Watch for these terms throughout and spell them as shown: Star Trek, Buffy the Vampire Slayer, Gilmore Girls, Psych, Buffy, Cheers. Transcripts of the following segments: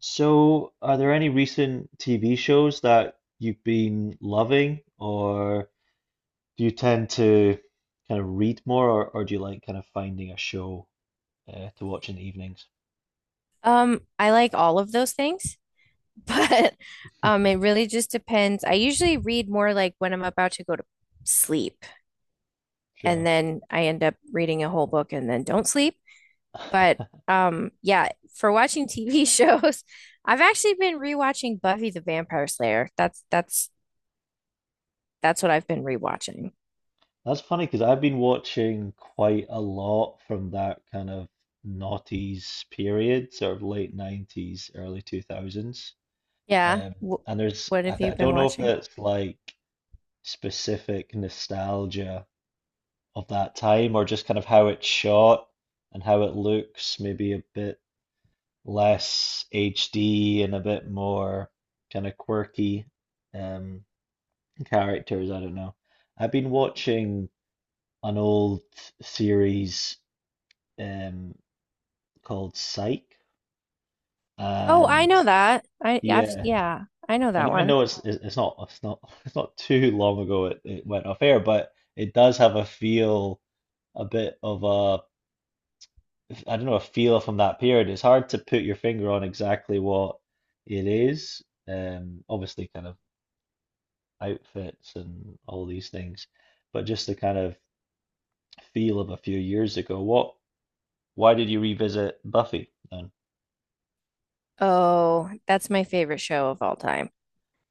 So, are there any recent TV shows that you've been loving, or do you tend to kind of read more, or do you like kind of finding a show to watch in the evenings? I like all of those things, but it really just depends. I usually read more like when I'm about to go to sleep, and Sure. then I end up reading a whole book and then don't sleep. But yeah, for watching TV shows, I've actually been rewatching Buffy the Vampire Slayer. That's what I've been rewatching. That's funny because I've been watching quite a lot from that kind of noughties period, sort of late 90s, early 2000s. Yeah. Um, W and there's, What I, have th you I been don't know if watching? it's like specific nostalgia of that time, or just kind of how it's shot and how it looks, maybe a bit less HD and a bit more kind of quirky um, characters. I don't know. I've been watching an old series um, called Psych, Oh, I and know that. I've yeah, yeah, I know and that even one. though it's not it's not too long ago it went off air, but it does have a feel a bit of a I don't know, a feel from that period. It's hard to put your finger on exactly what it is. Obviously, kind of outfits and all these things, but just the kind of feel of a few years ago. What, why did you revisit Buffy then? Oh, that's my favorite show of all time.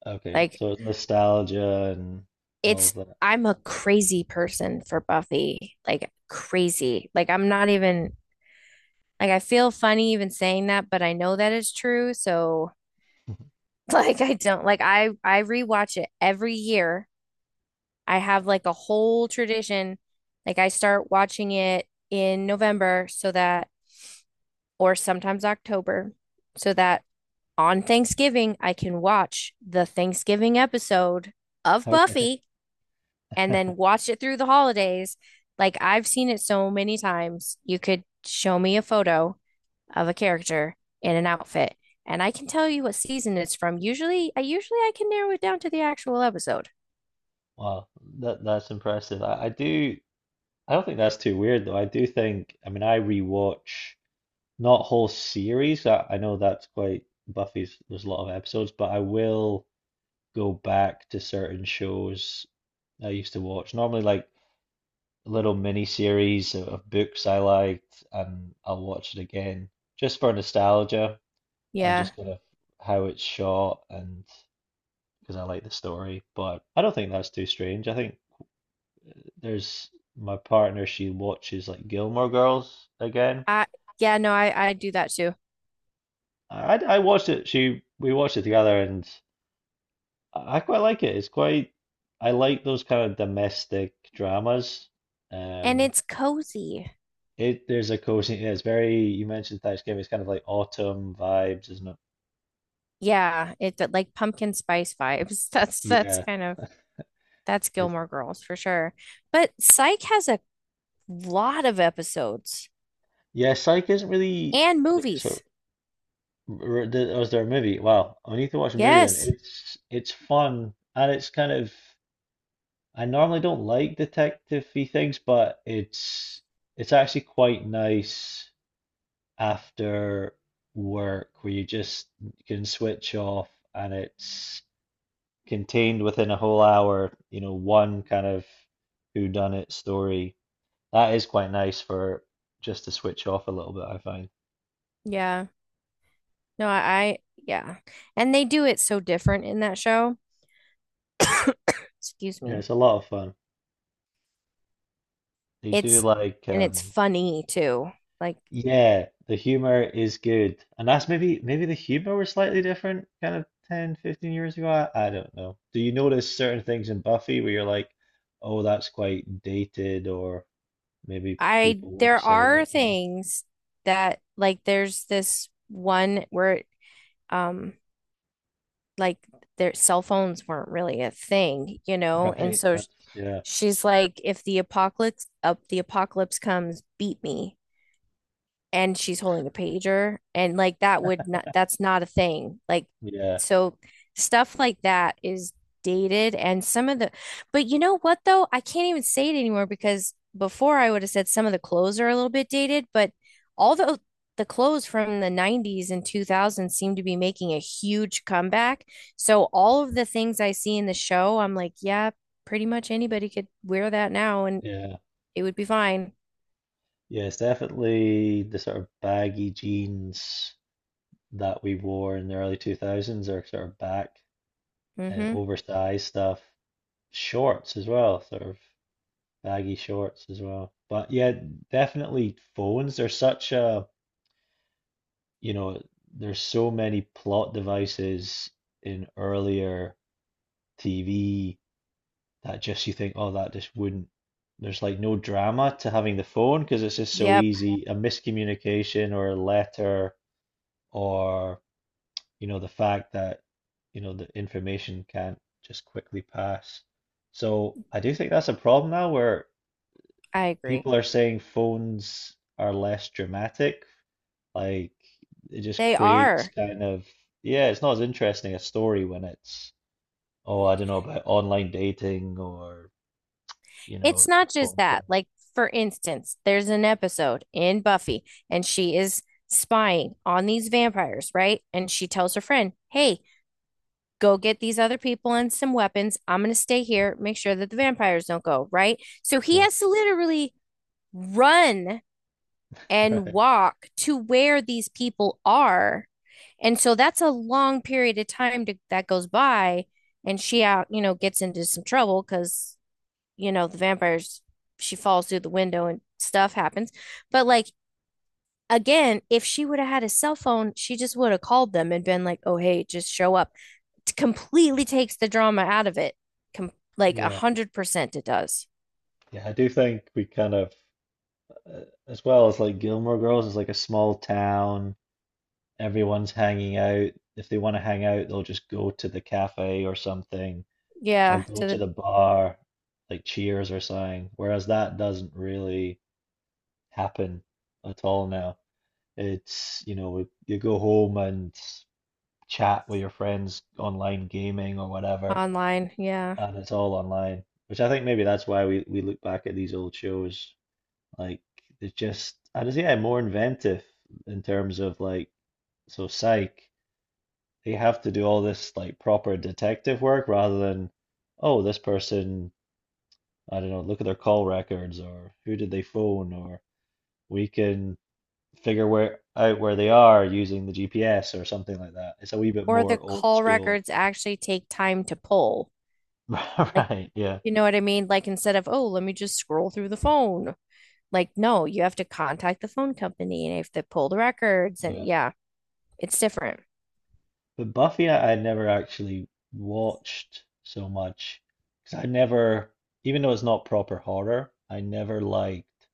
Okay, Like so it's nostalgia and all it's of that. I'm a crazy person for Buffy. Like crazy. Like I'm not even like I feel funny even saying that, but I know that it's true. So like I don't like I rewatch it every year. I have like a whole tradition. Like I start watching it in November, so that or sometimes October so that on Thanksgiving I can watch the Thanksgiving episode of Okay. Buffy, and then watch it through the holidays. Like I've seen it so many times. You could show me a photo of a character in an outfit, and I can tell you what season it's from. I usually I can narrow it down to the actual episode. Wow, that's impressive. I do I don't think that's too weird though. I do think I mean I rewatch not whole series. I know that's quite Buffy's, there's a lot of episodes, but I will go back to certain shows I used to watch. Normally, like little mini series of books I liked, and I'll watch it again just for nostalgia and just Yeah. kind of how it's shot and because I like the story. But I don't think that's too strange. I think there's my partner, she watches like Gilmore Girls again. I Yeah, no, I do that too. I watched it. She we watched it together, and I quite like it. It's quite, I like those kind of domestic dramas. And Um, it's cozy. it there's a cozy. Yeah, it's very. You mentioned Thanksgiving. It's kind of like autumn vibes, isn't it? Yeah, it but like pumpkin spice vibes. That's that's Yeah. kind of that's It's Gilmore Girls for sure. But Psych has a lot of episodes yeah. Psych isn't really and like so. movies. Was there a movie? Wow, I need to watch a movie then. Yes. It's fun and it's kind of. I normally don't like detective-y things, but it's actually quite nice after work where you just can switch off and it's contained within a whole hour, you know, one kind of whodunit story. That is quite nice for just to switch off a little bit, I find. Yeah. No, I, Yeah. And they do it so different in that show. Excuse Yeah, me. it's a lot of fun. They do It's, like and it's funny too. Like, yeah, the humor is good. And that's maybe the humor was slightly different kind of 10, 15 years ago. I don't know. Do you notice certain things in Buffy where you're like, oh, that's quite dated or maybe people wouldn't there say are that now. things that, like, there's this one where, um, like, their cell phones weren't really a thing, you know? And Right. so That's yeah. she's like, if the apocalypse, up the apocalypse comes, beat me. And she's holding a pager, and like that would not that's not a thing. Like Yeah. so stuff like that is dated, and some of the but you know what though, I can't even say it anymore, because before I would have said some of the clothes are a little bit dated, but all the clothes from the 90s and 2000s seem to be making a huge comeback. So all of the things I see in the show, I'm like, yeah, pretty much anybody could wear that now, and Yeah. it would be fine. Yeah. It's definitely the sort of baggy jeans that we wore in the early 2000s are sort of back, Mhm. oversized stuff. Shorts as well, sort of baggy shorts as well. But yeah, definitely phones. There's such a, you know, there's so many plot devices in earlier TV that just you think, oh, that just wouldn't. There's like no drama to having the phone because it's just so Yep. easy. A miscommunication or a letter, or you know, the fact that you know the information can't just quickly pass. So I do think that's a problem now where I agree. people are saying phones are less dramatic. Like it just They creates are. kind of, yeah, it's not as interesting a story when it's, oh, I don't know about online dating or, you know, It's a not just phone calls. that. Like, for instance, there's an episode in Buffy, and she is spying on these vampires, right? And she tells her friend, "Hey, go get these other people and some weapons. I'm going to stay here, make sure that the vampires don't go," right? So he has to literally run and Right. walk to where these people are. And so that's a long period of that goes by. And you know, gets into some trouble because you know, the vampires, she falls through the window and stuff happens. But like again, if she would have had a cell phone, she just would have called them and been like, "Oh, hey, just show up." It completely takes the drama out of it. Like a Yeah. hundred percent, it does. Yeah. I do think we kind of, uh, as well as like Gilmore Girls, is like a small town. Everyone's hanging out. If they want to hang out, they'll just go to the cafe or something, or Yeah, go to to the the bar, like Cheers or something. Whereas that doesn't really happen at all now. It's, you know, you go home and chat with your friends online gaming or whatever, online. Yeah, and it's all online, which I think maybe that's why we look back at these old shows like they're just, I just yeah, more inventive in terms of like so psych. They have to do all this like proper detective work rather than, oh, this person, I don't know, look at their call records or who did they phone or we can figure where out where they are using the GPS or something like that. It's a wee bit or the more old call school. records actually take time to pull. Like, Right, yeah. you know what I mean? Like instead of, "Oh, let me just scroll through the phone." Like, no, you have to contact the phone company and you have to pull the records, and Yeah. yeah, it's different. But Buffy, I never actually watched so much because I never, even though it's not proper horror, I never liked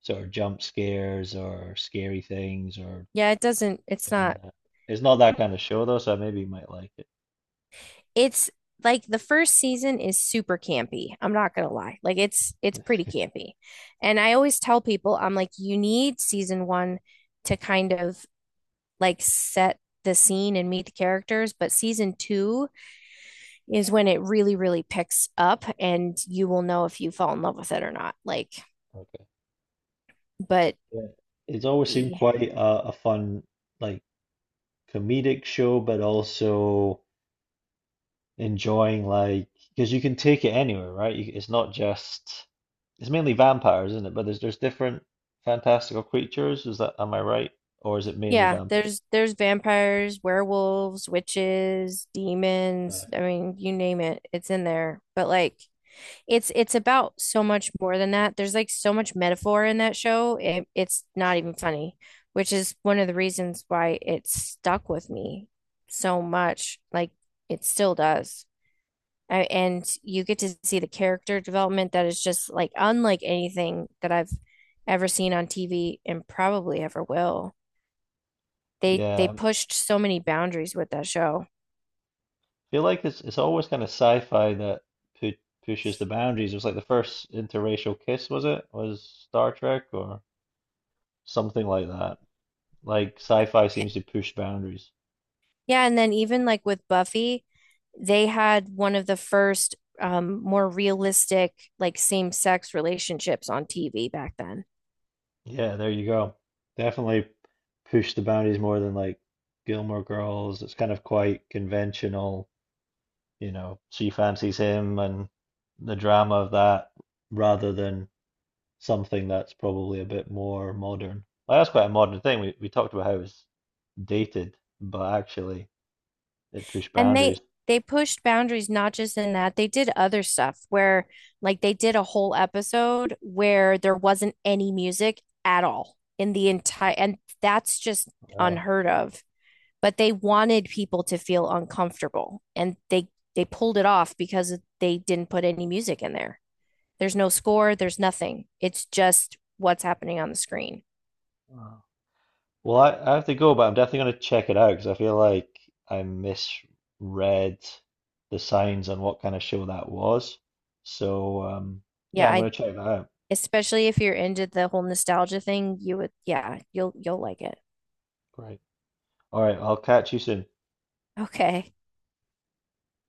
sort of jump scares or scary things or. Yeah, it doesn't, it's And, not, it's not that kind of show though, so maybe you might like it. it's like the first season is super campy. I'm not gonna lie. Like it's pretty campy. And I always tell people, I'm like, you need season one to kind of like set the scene and meet the characters, but season two is when it really, really picks up, and you will know if you fall in love with it or not. Okay. but Yeah. It's always seemed y- quite a fun, like comedic show, but also enjoying like because you can take it anywhere, right? You, it's not just it's mainly vampires, isn't it? But there's different fantastical creatures. Is that am I right? Or is it mainly yeah, vampire? there's vampires, werewolves, witches, Yeah, demons. I mean, you name it, it's in there. But like it's about so much more than that. There's like so much metaphor in that show. It's not even funny, which is one of the reasons why it stuck with me so much. Like it still does. And you get to see the character development that is just like unlike anything that I've ever seen on TV, and probably ever will. They yeah. I pushed so many boundaries with that show. feel like it's always kind of sci-fi that pu pushes the boundaries. It was like the first interracial kiss, was it? Was Star Trek or something like that. Like sci-fi seems to push boundaries. Yeah, and then even like with Buffy, they had one of the first more realistic like same-sex relationships on TV back then. Yeah, there you go. Definitely push the boundaries more than like Gilmore Girls. It's kind of quite conventional, you know, she fancies him and the drama of that rather than something that's probably a bit more modern. Like, that's quite a modern thing. We talked about how it's dated, but actually it pushed And they boundaries. they pushed boundaries not just in that, they did other stuff where like they did a whole episode where there wasn't any music at all in the entire, and that's just unheard of. But they wanted people to feel uncomfortable, and they pulled it off because they didn't put any music in there. There's no score, there's nothing. It's just what's happening on the screen. Yeah. Well, I have to go, but I'm definitely going to check it out because I feel like I misread the signs on what kind of show that was. So, yeah, Yeah, I'm I going to check that out. especially if you're into the whole nostalgia thing, you would yeah, you'll like it. Great. All right, I'll catch you soon. Okay.